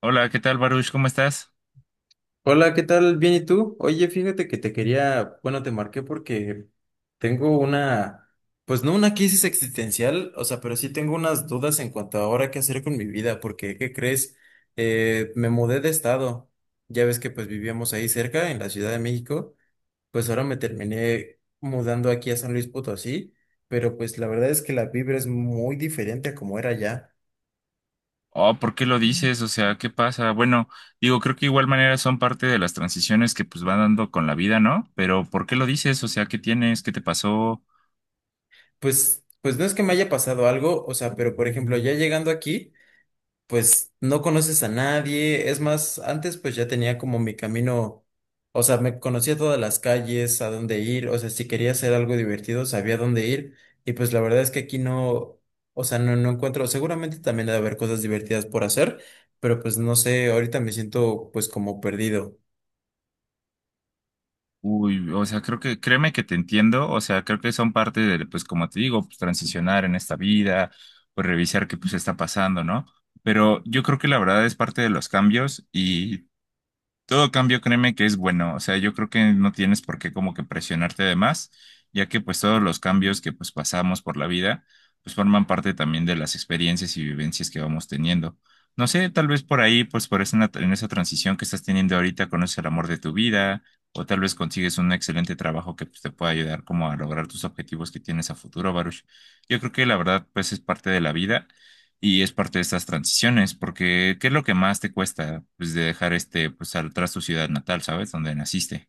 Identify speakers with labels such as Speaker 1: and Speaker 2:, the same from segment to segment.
Speaker 1: Hola, ¿qué tal, Baruch? ¿Cómo estás?
Speaker 2: Hola, ¿qué tal? Bien, ¿y tú? Oye, fíjate que te quería, bueno, te marqué porque tengo una, pues no una crisis existencial, o sea, pero sí tengo unas dudas en cuanto a ahora qué hacer con mi vida, porque, ¿qué crees? Me mudé de estado, ya ves que pues vivíamos ahí cerca, en la Ciudad de México, pues ahora me terminé mudando aquí a San Luis Potosí, pero pues la verdad es que la vibra es muy diferente a como era allá.
Speaker 1: Oh, ¿por qué lo dices? O sea, ¿qué pasa? Bueno, digo, creo que igual manera son parte de las transiciones que pues van dando con la vida, ¿no? Pero ¿por qué lo dices? O sea, ¿qué tienes? ¿Qué te pasó?
Speaker 2: Pues no es que me haya pasado algo, o sea, pero por ejemplo, ya llegando aquí, pues no conoces a nadie. Es más, antes pues ya tenía como mi camino, o sea, me conocía todas las calles, a dónde ir, o sea, si quería hacer algo divertido, sabía dónde ir. Y pues la verdad es que aquí no, o sea, no encuentro, seguramente también debe haber cosas divertidas por hacer, pero pues no sé, ahorita me siento pues como perdido.
Speaker 1: Uy, o sea, creo que, créeme que te entiendo, o sea, creo que son parte de, pues como te digo, pues transicionar en esta vida, pues revisar qué pues está pasando, ¿no? Pero yo creo que la verdad es parte de los cambios y todo cambio, créeme que es bueno. O sea, yo creo que no tienes por qué como que presionarte de más, ya que pues todos los cambios que pues pasamos por la vida, pues forman parte también de las experiencias y vivencias que vamos teniendo. No sé, tal vez por ahí, pues por esa, en esa transición que estás teniendo ahorita, conoces el amor de tu vida, o tal vez consigues un excelente trabajo que pues, te pueda ayudar como a lograr tus objetivos que tienes a futuro, Baruch. Yo creo que la verdad, pues es parte de la vida y es parte de estas transiciones, porque ¿qué es lo que más te cuesta pues, de dejar este, pues, atrás tu ciudad natal, ¿sabes? Donde naciste.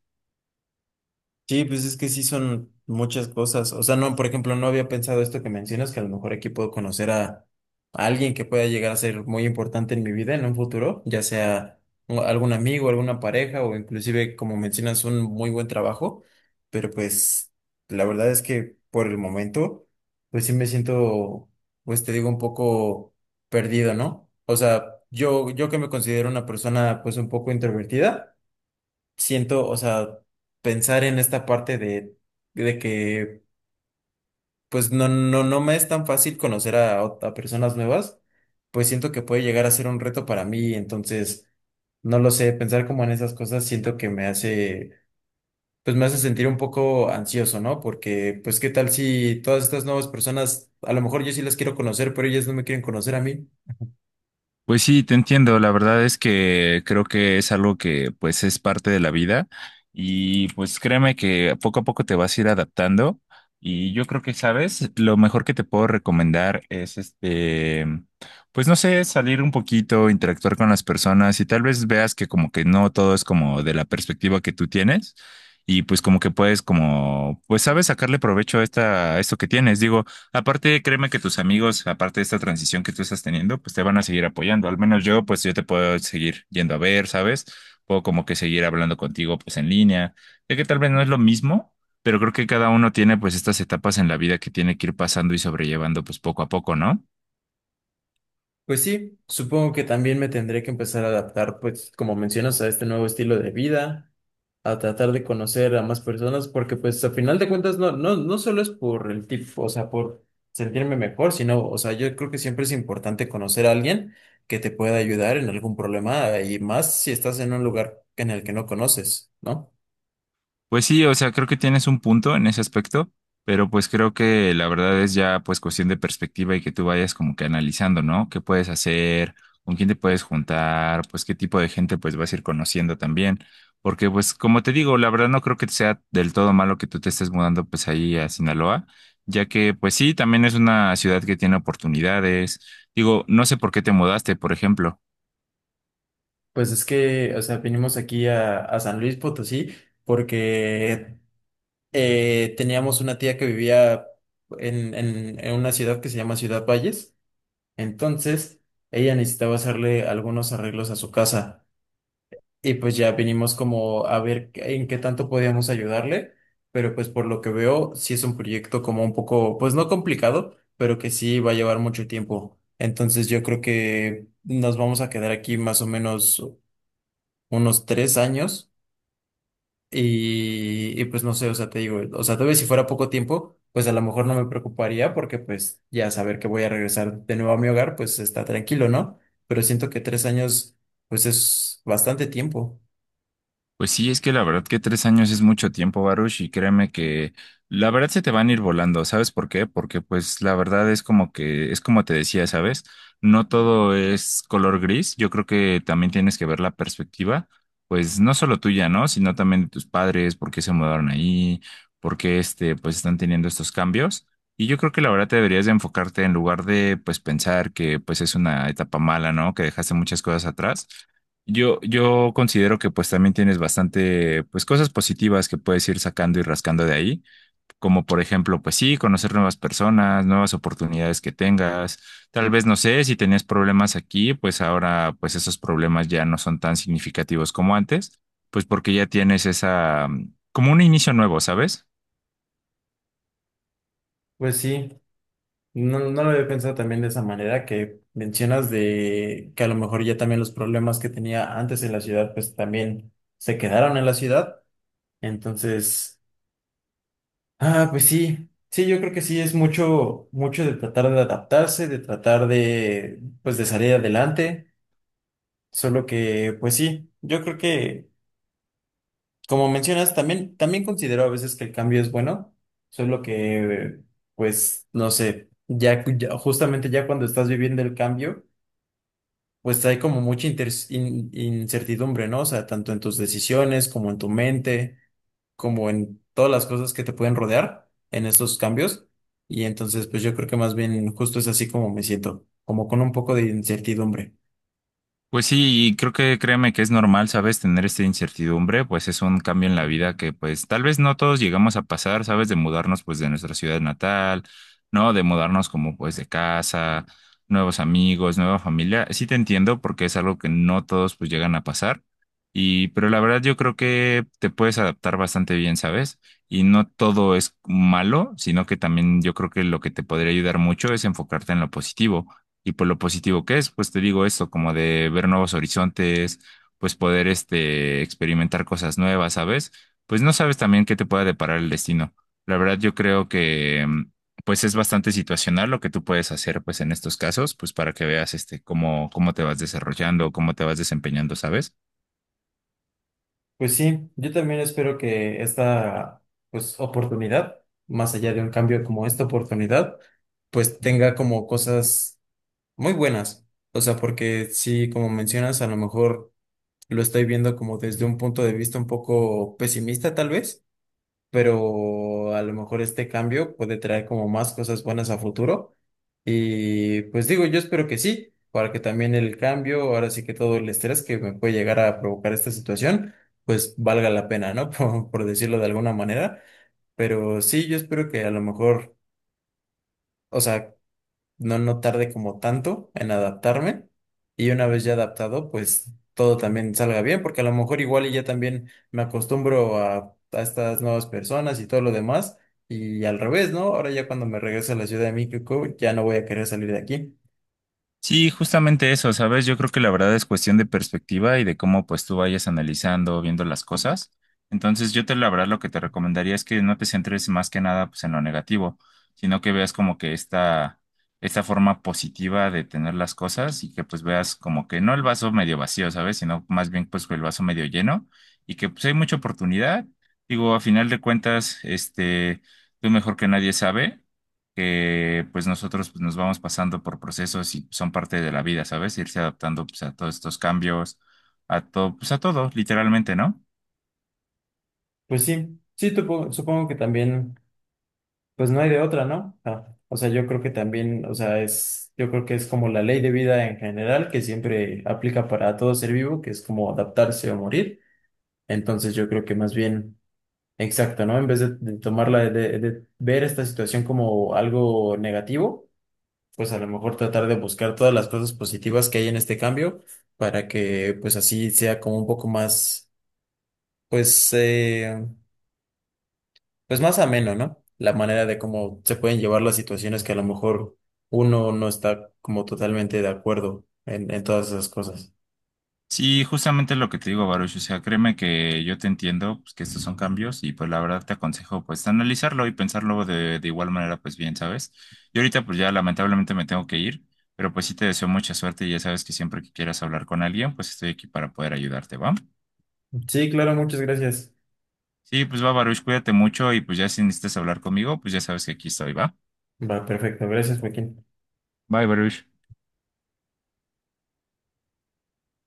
Speaker 2: Sí, pues es que sí son muchas cosas. O sea, no, por ejemplo, no había pensado esto que mencionas, que a lo mejor aquí puedo conocer a alguien que pueda llegar a ser muy importante en mi vida en un futuro, ya sea algún amigo, alguna pareja o inclusive, como mencionas, un muy buen trabajo. Pero pues la verdad es que por el momento, pues sí me siento, pues te digo, un poco perdido, ¿no? O sea, yo que me considero una persona pues un poco introvertida siento, o sea, pensar en esta parte de que, pues no me es tan fácil conocer a, a personas nuevas, pues siento que puede llegar a ser un reto para mí, entonces, no lo sé, pensar como en esas cosas siento que me hace, pues me hace sentir un poco ansioso, ¿no? Porque, pues, ¿qué tal si todas estas nuevas personas, a lo mejor yo sí las quiero conocer, pero ellas no me quieren conocer a mí?
Speaker 1: Pues sí, te entiendo. La verdad es que creo que es algo que pues es parte de la vida y pues créeme que poco a poco te vas a ir adaptando y yo creo que, sabes, lo mejor que te puedo recomendar es este, pues no sé, salir un poquito, interactuar con las personas y tal vez veas que como que no todo es como de la perspectiva que tú tienes y pues como que puedes como, pues sabes, sacarle provecho a esta, a esto que tienes. Digo, aparte, créeme que tus amigos, aparte de esta transición que tú estás teniendo, pues te van a seguir apoyando. Al menos yo, pues yo te puedo seguir yendo a ver, ¿sabes? Puedo como que seguir hablando contigo, pues en línea. Sé que tal vez no es lo mismo, pero creo que cada uno tiene pues estas etapas en la vida que tiene que ir pasando y sobrellevando pues poco a poco, ¿no?
Speaker 2: Pues sí, supongo que también me tendré que empezar a adaptar, pues como mencionas, a este nuevo estilo de vida, a tratar de conocer a más personas, porque pues a final de cuentas no, no solo es por el tipo, o sea, por sentirme mejor, sino, o sea, yo creo que siempre es importante conocer a alguien que te pueda ayudar en algún problema, y más si estás en un lugar en el que no conoces, ¿no?
Speaker 1: Pues sí, o sea, creo que tienes un punto en ese aspecto, pero pues creo que la verdad es ya pues cuestión de perspectiva y que tú vayas como que analizando, ¿no? ¿Qué puedes hacer? ¿Con quién te puedes juntar? Pues qué tipo de gente pues vas a ir conociendo también. Porque pues como te digo, la verdad no creo que sea del todo malo que tú te estés mudando pues ahí a Sinaloa, ya que pues sí, también es una ciudad que tiene oportunidades. Digo, no sé por qué te mudaste, por ejemplo.
Speaker 2: Pues es que, o sea, vinimos aquí a San Luis Potosí porque teníamos una tía que vivía en una ciudad que se llama Ciudad Valles. Entonces, ella necesitaba hacerle algunos arreglos a su casa. Y pues ya vinimos como a ver en qué tanto podíamos ayudarle. Pero pues por lo que veo, sí es un proyecto como un poco, pues no complicado, pero que sí va a llevar mucho tiempo. Entonces yo creo que nos vamos a quedar aquí más o menos unos 3 años y pues no sé, o sea, te digo, o sea, tal vez si fuera poco tiempo, pues a lo mejor no me preocuparía porque pues ya saber que voy a regresar de nuevo a mi hogar, pues está tranquilo, ¿no? Pero siento que 3 años, pues es bastante tiempo.
Speaker 1: Pues sí, es que la verdad que 3 años es mucho tiempo, Baruch, y créeme que la verdad se te van a ir volando, ¿sabes por qué? Porque pues la verdad es como que, es como te decía, ¿sabes? No todo es color gris, yo creo que también tienes que ver la perspectiva, pues no solo tuya, ¿no? Sino también de tus padres, por qué se mudaron ahí, por qué este, pues están teniendo estos cambios. Y yo creo que la verdad te deberías de enfocarte en lugar de pues pensar que pues es una etapa mala, ¿no? Que dejaste muchas cosas atrás. Yo considero que pues también tienes bastante pues cosas positivas que puedes ir sacando y rascando de ahí, como por ejemplo pues sí, conocer nuevas personas, nuevas oportunidades que tengas, tal vez no sé, si tenías problemas aquí, pues ahora pues esos problemas ya no son tan significativos como antes, pues porque ya tienes esa como un inicio nuevo, ¿sabes?
Speaker 2: Pues sí, no lo había pensado también de esa manera que mencionas de que a lo mejor ya también los problemas que tenía antes en la ciudad, pues también se quedaron en la ciudad. Entonces... Ah, pues sí, sí, yo creo que sí es mucho, mucho de tratar de adaptarse, de tratar de, pues de salir adelante, solo que, pues sí, yo creo que, como mencionas, también, también considero a veces que el cambio es bueno, solo que, pues, no sé, ya, justamente ya cuando estás viviendo el cambio, pues hay como mucha incertidumbre, ¿no? O sea, tanto en tus decisiones como en tu mente, como en todas las cosas que te pueden rodear en estos cambios. Y entonces, pues yo creo que más bien justo es así como me siento, como con un poco de incertidumbre.
Speaker 1: Pues sí, y creo que créeme que es normal, ¿sabes? Tener esta incertidumbre, pues es un cambio en la vida que pues tal vez no todos llegamos a pasar, ¿sabes? De mudarnos pues de nuestra ciudad natal, ¿no? De mudarnos como pues de casa, nuevos amigos, nueva familia. Sí te entiendo porque es algo que no todos pues llegan a pasar. Y pero la verdad yo creo que te puedes adaptar bastante bien, ¿sabes? Y no todo es malo, sino que también yo creo que lo que te podría ayudar mucho es enfocarte en lo positivo y por lo positivo que es, pues te digo esto, como de ver nuevos horizontes, pues poder este experimentar cosas nuevas, ¿sabes? Pues no sabes también qué te pueda deparar el destino. La verdad, yo creo que pues es bastante situacional lo que tú puedes hacer pues en estos casos, pues para que veas este cómo te vas desarrollando, cómo te vas desempeñando, ¿sabes?
Speaker 2: Pues sí, yo también espero que esta, pues, oportunidad, más allá de un cambio como esta oportunidad, pues tenga como cosas muy buenas. O sea, porque sí, como mencionas, a lo mejor lo estoy viendo como desde un punto de vista un poco pesimista tal vez, pero a lo mejor este cambio puede traer como más cosas buenas a futuro. Y pues digo, yo espero que sí, para que también el cambio, ahora sí que todo el estrés que me puede llegar a provocar esta situación, pues valga la pena, ¿no? Por decirlo de alguna manera. Pero sí, yo espero que a lo mejor, o sea, no tarde como tanto en adaptarme y una vez ya adaptado, pues todo también salga bien, porque a lo mejor igual y ya también me acostumbro a estas nuevas personas y todo lo demás y al revés, ¿no? Ahora ya cuando me regrese a la Ciudad de México ya no voy a querer salir de aquí.
Speaker 1: Sí, justamente eso, ¿sabes? Yo creo que la verdad es cuestión de perspectiva y de cómo pues tú vayas analizando, viendo las cosas. Entonces yo te la verdad lo que te recomendaría es que no te centres más que nada pues en lo negativo, sino que veas como que esta forma positiva de tener las cosas y que pues veas como que no el vaso medio vacío, ¿sabes? Sino más bien pues el vaso medio lleno y que pues hay mucha oportunidad. Digo, a final de cuentas, este, tú mejor que nadie sabe que pues nosotros pues, nos vamos pasando por procesos y son parte de la vida, ¿sabes? Irse adaptando pues, a todos estos cambios, a todo, pues a todo, literalmente, ¿no?
Speaker 2: Pues sí, sí, supongo que también, pues no hay de otra, ¿no? Ah, o sea, yo creo que también, o sea, es, yo creo que es como la ley de vida en general que siempre aplica para todo ser vivo, que es como adaptarse o morir. Entonces yo creo que más bien... Exacto, ¿no? En vez de tomarla, de ver esta situación como algo negativo, pues a lo mejor tratar de buscar todas las cosas positivas que hay en este cambio para que pues así sea como un poco más, pues, pues más ameno, ¿no? La manera de cómo se pueden llevar las situaciones que a lo mejor uno no está como totalmente de acuerdo en todas esas cosas.
Speaker 1: Sí, justamente lo que te digo, Baruch, o sea, créeme que yo te entiendo, pues que estos son cambios y pues la verdad te aconsejo pues analizarlo y pensarlo de igual manera pues bien, ¿sabes? Y ahorita pues ya lamentablemente me tengo que ir, pero pues sí te deseo mucha suerte y ya sabes que siempre que quieras hablar con alguien pues estoy aquí para poder ayudarte, ¿va?
Speaker 2: Sí, claro, muchas gracias.
Speaker 1: Sí, pues va, Baruch, cuídate mucho y pues ya si necesitas hablar conmigo, pues ya sabes que aquí estoy, ¿va?
Speaker 2: Va, perfecto. Gracias, Joaquín.
Speaker 1: Bye, Baruch.